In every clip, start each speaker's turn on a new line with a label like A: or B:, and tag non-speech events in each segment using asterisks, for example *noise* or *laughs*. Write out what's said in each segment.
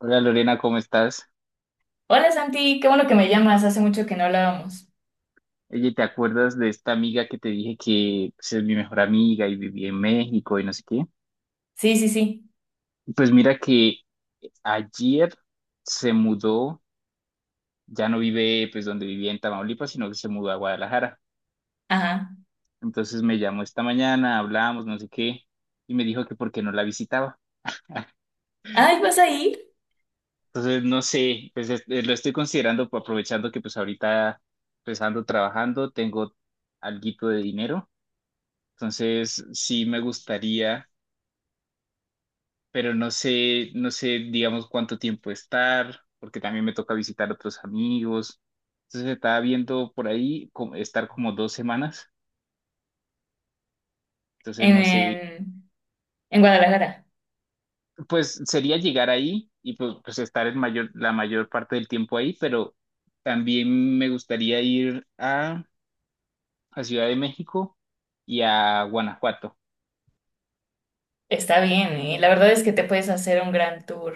A: Hola Lorena, ¿cómo estás?
B: Hola Santi, qué bueno que me llamas, hace mucho que no hablábamos.
A: Oye, ¿te acuerdas de esta amiga que te dije que pues, es mi mejor amiga y vivía en México y no sé qué?
B: Sí, sí, sí,
A: Pues mira que ayer se mudó, ya no vive pues donde vivía en Tamaulipas, sino que se mudó a Guadalajara.
B: ajá.
A: Entonces me llamó esta mañana, hablamos, no sé qué, y me dijo que por qué no la visitaba.
B: Ay, ¿vas a ir?
A: Entonces no sé, pues lo estoy considerando pues, aprovechando que pues ahorita pues ando trabajando, tengo alguito de dinero. Entonces sí me gustaría, pero no sé, no sé, digamos, cuánto tiempo estar, porque también me toca visitar otros amigos. Entonces estaba viendo por ahí como estar como 2 semanas. Entonces
B: En,
A: no sé,
B: en, en Guadalajara.
A: pues sería llegar ahí y pues, pues estar la mayor parte del tiempo ahí, pero también me gustaría ir a Ciudad de México y a Guanajuato.
B: Está bien, ¿eh? La verdad es que te puedes hacer un gran tour.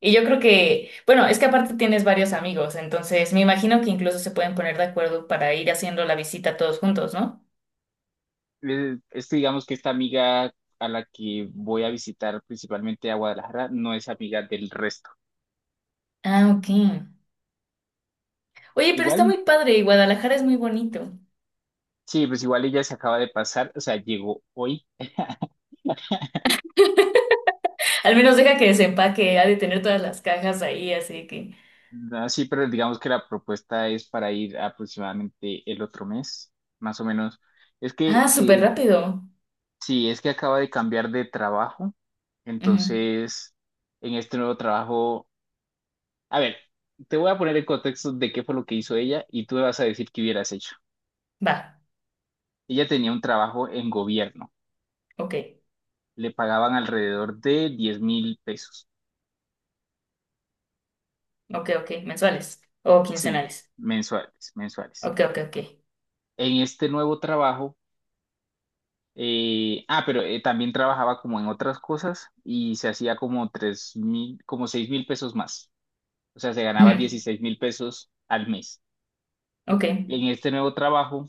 B: Y yo creo que, bueno, es que aparte tienes varios amigos, entonces me imagino que incluso se pueden poner de acuerdo para ir haciendo la visita todos juntos, ¿no?
A: Que digamos que esta amiga a la que voy a visitar principalmente a Guadalajara no es amiga del resto.
B: Ah, ok. Oye, pero está
A: Igual
B: muy padre y Guadalajara es muy bonito.
A: Sí, pues igual ella se acaba de pasar, o sea, llegó hoy. *laughs*
B: *laughs* Al menos deja que desempaque, ha de tener todas las cajas ahí, así que...
A: No, sí, pero digamos que la propuesta es para ir aproximadamente el otro mes, más o menos. Es
B: Ah,
A: que,
B: súper
A: eh,
B: rápido.
A: sí, es que acaba de cambiar de trabajo,
B: Ujú,
A: entonces, en este nuevo trabajo, a ver, te voy a poner en contexto de qué fue lo que hizo ella y tú me vas a decir qué hubieras hecho.
B: va,
A: Ella tenía un trabajo en gobierno,
B: ok.
A: le pagaban alrededor de 10,000 pesos,
B: Ok, ok, mensuales o
A: sí,
B: quincenales.
A: mensuales, mensuales.
B: Ok, ok, ok.
A: En este nuevo trabajo. Ah, pero también trabajaba como en otras cosas y se hacía como 3,000, como 6,000 pesos más. O sea, se ganaba
B: Ujú,
A: 16,000 pesos al mes.
B: ok,
A: En este nuevo trabajo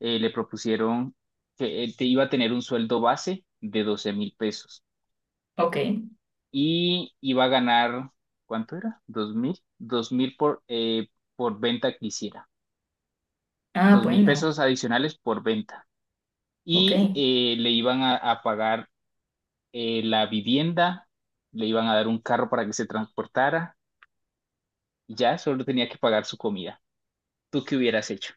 A: le propusieron que te iba a tener un sueldo base de 12,000 pesos
B: ok.
A: y iba a ganar, ¿cuánto era? ¿2,000? 2,000 por venta que hiciera.
B: Ah,
A: Dos mil
B: bueno,
A: pesos adicionales por venta.
B: ok.
A: Y le iban a pagar la vivienda, le iban a dar un carro para que se transportara y ya solo tenía que pagar su comida. ¿Tú qué hubieras hecho?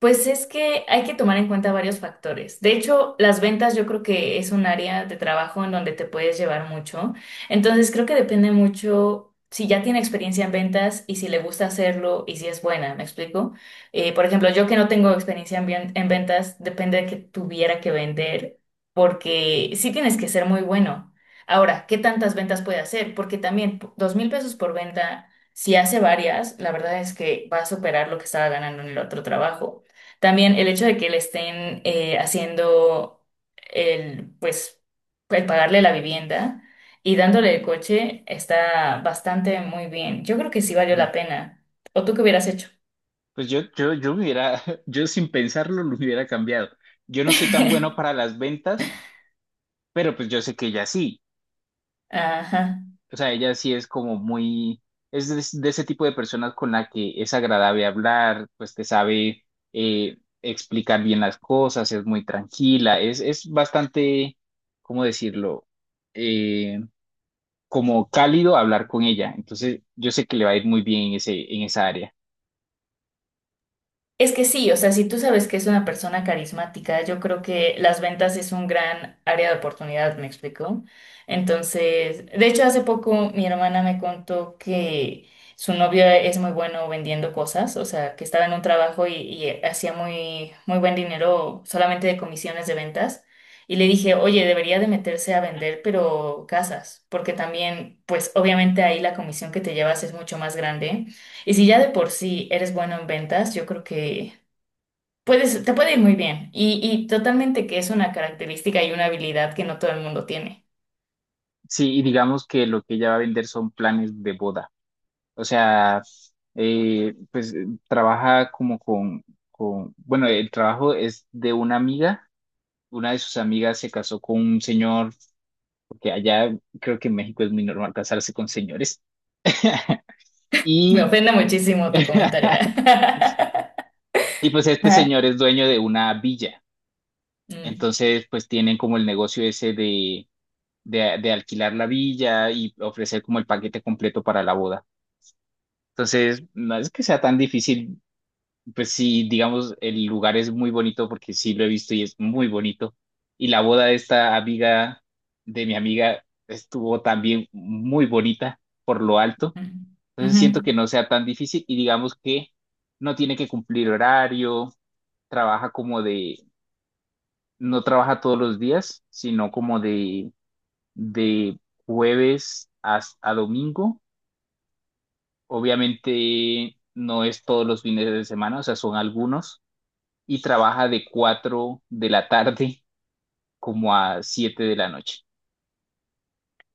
B: Pues es que hay que tomar en cuenta varios factores. De hecho, las ventas yo creo que es un área de trabajo en donde te puedes llevar mucho. Entonces, creo que depende mucho si ya tiene experiencia en ventas y si le gusta hacerlo y si es buena, ¿me explico? Por ejemplo, yo que no tengo experiencia en, en ventas, depende de que tuviera que vender porque sí tienes que ser muy bueno. Ahora, ¿qué tantas ventas puede hacer? Porque también 2.000 pesos por venta, si hace varias, la verdad es que va a superar lo que estaba ganando en el otro trabajo. También el hecho de que le estén haciendo el, pues, el pagarle la vivienda y dándole el coche está bastante muy bien. Yo creo que sí valió la
A: Ajá.
B: pena. ¿O tú qué hubieras hecho?
A: Pues yo me hubiera, *laughs* yo sin pensarlo lo hubiera cambiado. Yo no soy tan bueno
B: *laughs*
A: para las ventas, pero pues yo sé que ella sí.
B: Ajá.
A: O sea, ella sí es como muy, es de, ese tipo de personas con la que es agradable hablar, pues te sabe explicar bien las cosas, es muy tranquila, es bastante, ¿cómo decirlo? Eh, Como cálido hablar con ella. Entonces, yo sé que le va a ir muy bien en ese, en esa área.
B: Es que sí, o sea, si tú sabes que es una persona carismática, yo creo que las ventas es un gran área de oportunidad, ¿me explico? Entonces, de hecho, hace poco mi hermana me contó que su novio es muy bueno vendiendo cosas, o sea, que estaba en un trabajo y hacía muy, muy buen dinero solamente de comisiones de ventas. Y le dije, oye, debería de meterse a vender, pero casas, porque también, pues obviamente ahí la comisión que te llevas es mucho más grande. Y si ya de por sí eres bueno en ventas, yo creo que puedes, te puede ir muy bien. Y totalmente que es una característica y una habilidad que no todo el mundo tiene.
A: Sí, y digamos que lo que ella va a vender son planes de boda. O sea, pues trabaja como con, bueno, el trabajo es de una amiga. Una de sus amigas se casó con un señor, porque allá creo que en México es muy normal casarse con señores. *laughs*
B: *laughs* Me
A: Y,
B: ofende muchísimo tu comentario.
A: *laughs*
B: *laughs*
A: y pues este
B: Ajá.
A: señor es dueño de una villa.
B: Mm,
A: Entonces, pues tienen como el negocio ese de alquilar la villa y ofrecer como el paquete completo para la boda. Entonces, no es que sea tan difícil, pues sí, digamos, el lugar es muy bonito porque sí lo he visto y es muy bonito. Y la boda de esta amiga, de mi amiga, estuvo también muy bonita por lo alto.
B: mm,
A: Entonces
B: ujú.
A: siento que no sea tan difícil y digamos que no tiene que cumplir horario, trabaja como de, no trabaja todos los días, sino como de jueves hasta domingo. Obviamente no es todos los fines de semana, o sea, son algunos. Y trabaja de 4 de la tarde *laughs* como a 7 de la noche.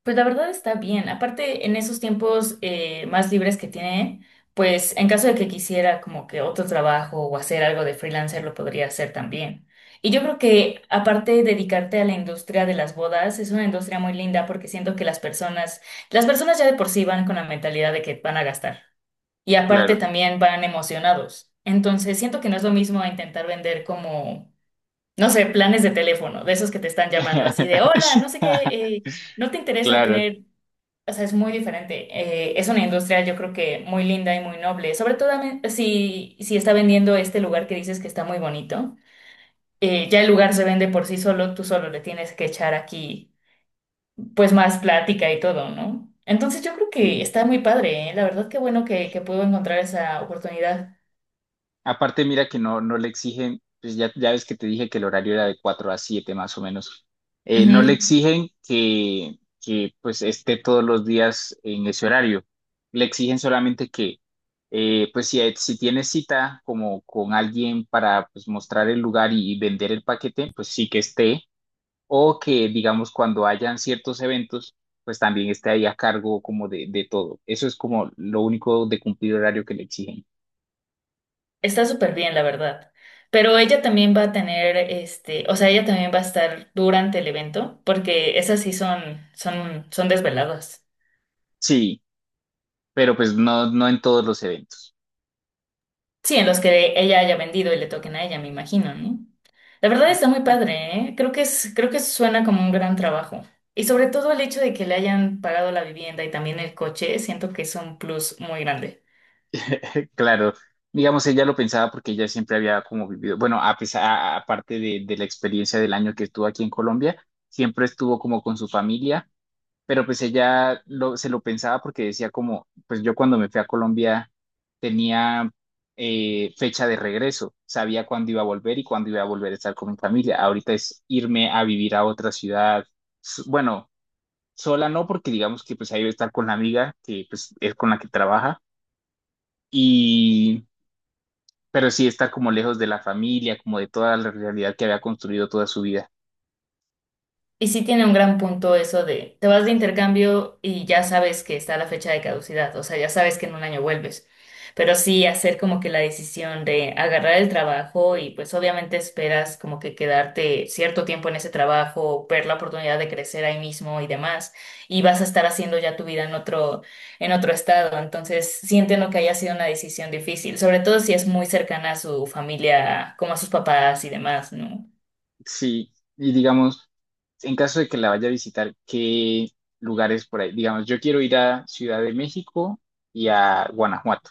B: Pues la verdad está bien. Aparte, en esos tiempos más libres que tiene, pues en caso de que quisiera como que otro trabajo o hacer algo de freelancer, lo podría hacer también. Y yo creo que aparte dedicarte a la industria de las bodas, es una industria muy linda porque siento que las personas ya de por sí van con la mentalidad de que van a gastar. Y aparte
A: Claro.
B: también van emocionados. Entonces, siento que no es lo mismo a intentar vender como, no sé, planes de teléfono, de esos que te están llamando así de, hola, no sé qué.
A: *laughs*
B: eh, ¿No te interesa
A: Claro,
B: tener...? O sea, es muy diferente. Es una industria, yo creo que muy linda y muy noble. Sobre todo si está vendiendo este lugar que dices que está muy bonito. Ya el lugar se vende por sí solo, tú solo le tienes que echar aquí, pues más plática y todo, ¿no? Entonces yo creo que
A: sí.
B: está muy padre, ¿eh? La verdad, qué bueno que pudo encontrar esa oportunidad.
A: Aparte, mira que no, no le exigen, pues ya, ya ves que te dije que el horario era de 4 a 7 más o menos. No le
B: Ujú.
A: exigen que pues esté todos los días en ese horario. Le exigen solamente que, pues si tienes cita como con alguien para pues, mostrar el lugar y vender el paquete, pues sí que esté. O que, digamos, cuando hayan ciertos eventos, pues también esté ahí a cargo como de todo. Eso es como lo único de cumplir horario que le exigen.
B: Está súper bien, la verdad. Pero ella también va a tener, este, o sea, ella también va a estar durante el evento, porque esas sí son, son desveladas.
A: Sí, pero pues no, no en todos los eventos.
B: Sí, en los que ella haya vendido y le toquen a ella, me imagino, ¿no? La verdad está muy padre, ¿eh? Creo que suena como un gran trabajo. Y sobre todo el hecho de que le hayan pagado la vivienda y también el coche, siento que es un plus muy grande.
A: *laughs* Claro, digamos, ella lo pensaba porque ella siempre había como vivido, bueno, aparte de, la experiencia del año que estuvo aquí en Colombia, siempre estuvo como con su familia, pero pues ella lo, se lo pensaba porque decía como, pues yo cuando me fui a Colombia tenía fecha de regreso, sabía cuándo iba a volver y cuándo iba a volver a estar con mi familia. Ahorita es irme a vivir a otra ciudad, bueno. Sola no, porque digamos que pues ahí va a estar con la amiga que pues es con la que trabaja y pero sí está como lejos de la familia, como de toda la realidad que había construido toda su vida.
B: Y sí tiene un gran punto eso de, te vas de intercambio y ya sabes que está la fecha de caducidad, o sea, ya sabes que en un año vuelves. Pero sí hacer como que la decisión de agarrar el trabajo y pues obviamente esperas como que quedarte cierto tiempo en ese trabajo, ver la oportunidad de crecer ahí mismo y demás, y vas a estar haciendo ya tu vida en otro estado. Entonces, sí entiendo que haya sido una decisión difícil, sobre todo si es muy cercana a su familia, como a sus papás y demás, ¿no?
A: Sí, y digamos, en caso de que la vaya a visitar, ¿qué lugares por ahí? Digamos, yo quiero ir a Ciudad de México y a Guanajuato,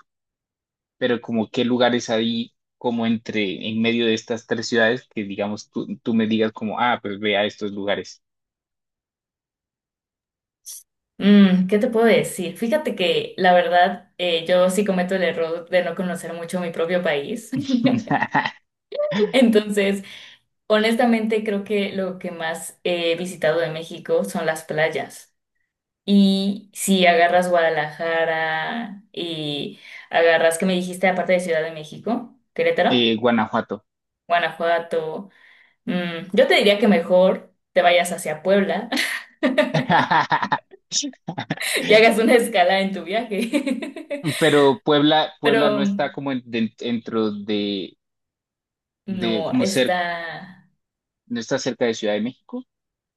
A: pero como qué lugares hay como entre, en medio de estas tres ciudades que digamos tú, tú me digas como, ah, pues ve a estos lugares.
B: Mm, ¿qué te puedo decir? Fíjate que la verdad yo sí cometo el error de no conocer mucho mi propio país.
A: *laughs*
B: *laughs* Entonces, honestamente creo que lo que más he visitado de México son las playas. Y si agarras Guadalajara y agarras, ¿que me dijiste aparte de Ciudad de México? Querétaro.
A: Guanajuato.
B: Guanajuato. Yo te diría que mejor te vayas hacia Puebla
A: *laughs*
B: *laughs* y hagas una escala en tu viaje.
A: Pero Puebla,
B: *laughs*
A: Puebla no
B: Pero...
A: está como dentro de,
B: No,
A: como cerca,
B: está...
A: no está cerca de Ciudad de México.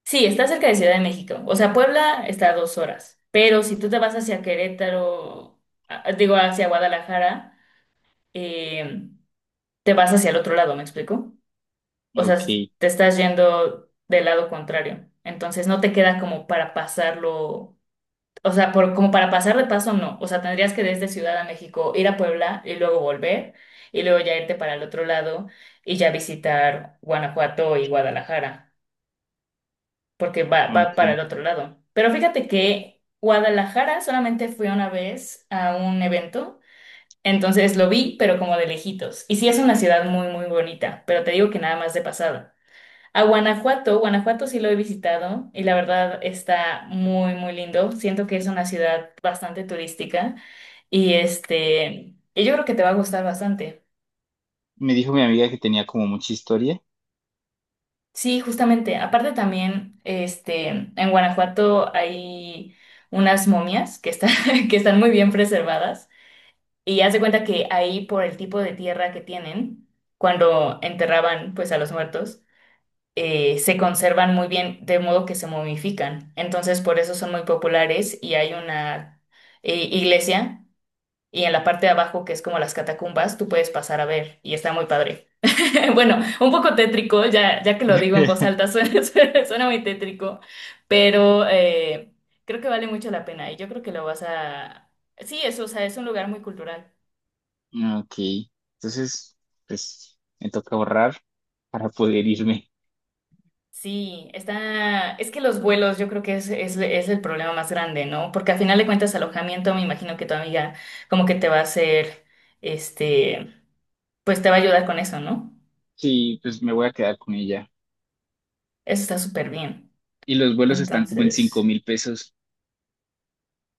B: Sí, está cerca de Ciudad de México. O sea, Puebla está a 2 horas. Pero si tú te vas hacia Querétaro, digo, hacia Guadalajara, eh, te vas hacia el otro lado, ¿me explico? O sea,
A: Ok,
B: te estás yendo del lado contrario. Entonces no te queda como para pasarlo, o sea, por, como para pasar de paso, no. O sea, tendrías que desde Ciudad de México ir a Puebla y luego volver y luego ya irte para el otro lado y ya visitar Guanajuato y Guadalajara. Porque va, va para
A: ok.
B: el otro lado. Pero fíjate que Guadalajara solamente fui una vez a un evento, entonces lo vi, pero como de lejitos. Y sí es una ciudad muy, muy bonita, pero te digo que nada más de pasada. A Guanajuato, Guanajuato sí lo he visitado y la verdad está muy, muy lindo. Siento que es una ciudad bastante turística y este, y yo creo que te va a gustar bastante.
A: Me dijo mi amiga que tenía como mucha historia.
B: Sí, justamente. Aparte también, este, en Guanajuato hay unas momias que están, *laughs* que están muy bien preservadas. Y haz de cuenta que ahí, por el tipo de tierra que tienen, cuando enterraban pues a los muertos, se conservan muy bien, de modo que se momifican. Entonces, por eso son muy populares y hay una iglesia y en la parte de abajo, que es como las catacumbas, tú puedes pasar a ver y está muy padre. *laughs* Bueno, un poco tétrico, ya que lo digo en voz alta,
A: *laughs*
B: suena, *laughs* suena muy tétrico, pero creo que vale mucho la pena y yo creo que lo vas a... Sí, es, o sea, es un lugar muy cultural.
A: Ok, entonces, pues me toca ahorrar para poder irme.
B: Sí, está... Es que los vuelos yo creo que es, es el problema más grande, ¿no? Porque al final de cuentas alojamiento, me imagino que tu amiga como que te va a hacer, este, pues te va a ayudar con eso, ¿no?
A: Sí, pues me voy a quedar con ella.
B: Eso está súper bien.
A: Y los vuelos están como en cinco
B: Entonces,
A: mil pesos.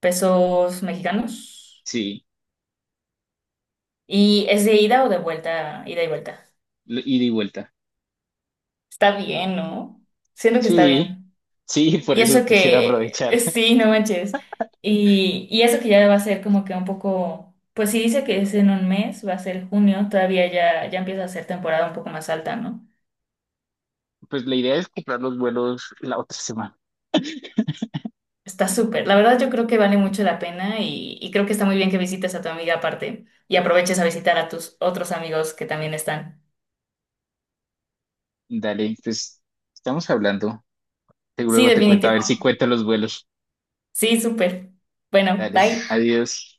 B: pesos mexicanos.
A: Sí,
B: ¿Y es de ida o de vuelta? Ida y vuelta.
A: ida y vuelta.
B: Está bien, ¿no? Siento que está
A: Sí,
B: bien.
A: sí, *laughs* por
B: Y
A: eso es
B: eso
A: que quiero
B: que, *laughs*
A: aprovechar. *laughs*
B: sí, no manches. Y eso que ya va a ser como que un poco, pues si dice que es en un mes, va a ser junio, todavía ya empieza a ser temporada un poco más alta, ¿no?
A: Pues la idea es comprar los vuelos la otra semana.
B: Está súper. La verdad yo creo que vale mucho la pena y creo que está muy bien que visites a tu amiga aparte y aproveches a visitar a tus otros amigos que también están.
A: Dale, pues estamos hablando.
B: Sí,
A: Luego te cuento a ver
B: definitivo.
A: si cuento los vuelos.
B: Sí, súper. Bueno,
A: Dale, *laughs*
B: bye.
A: adiós.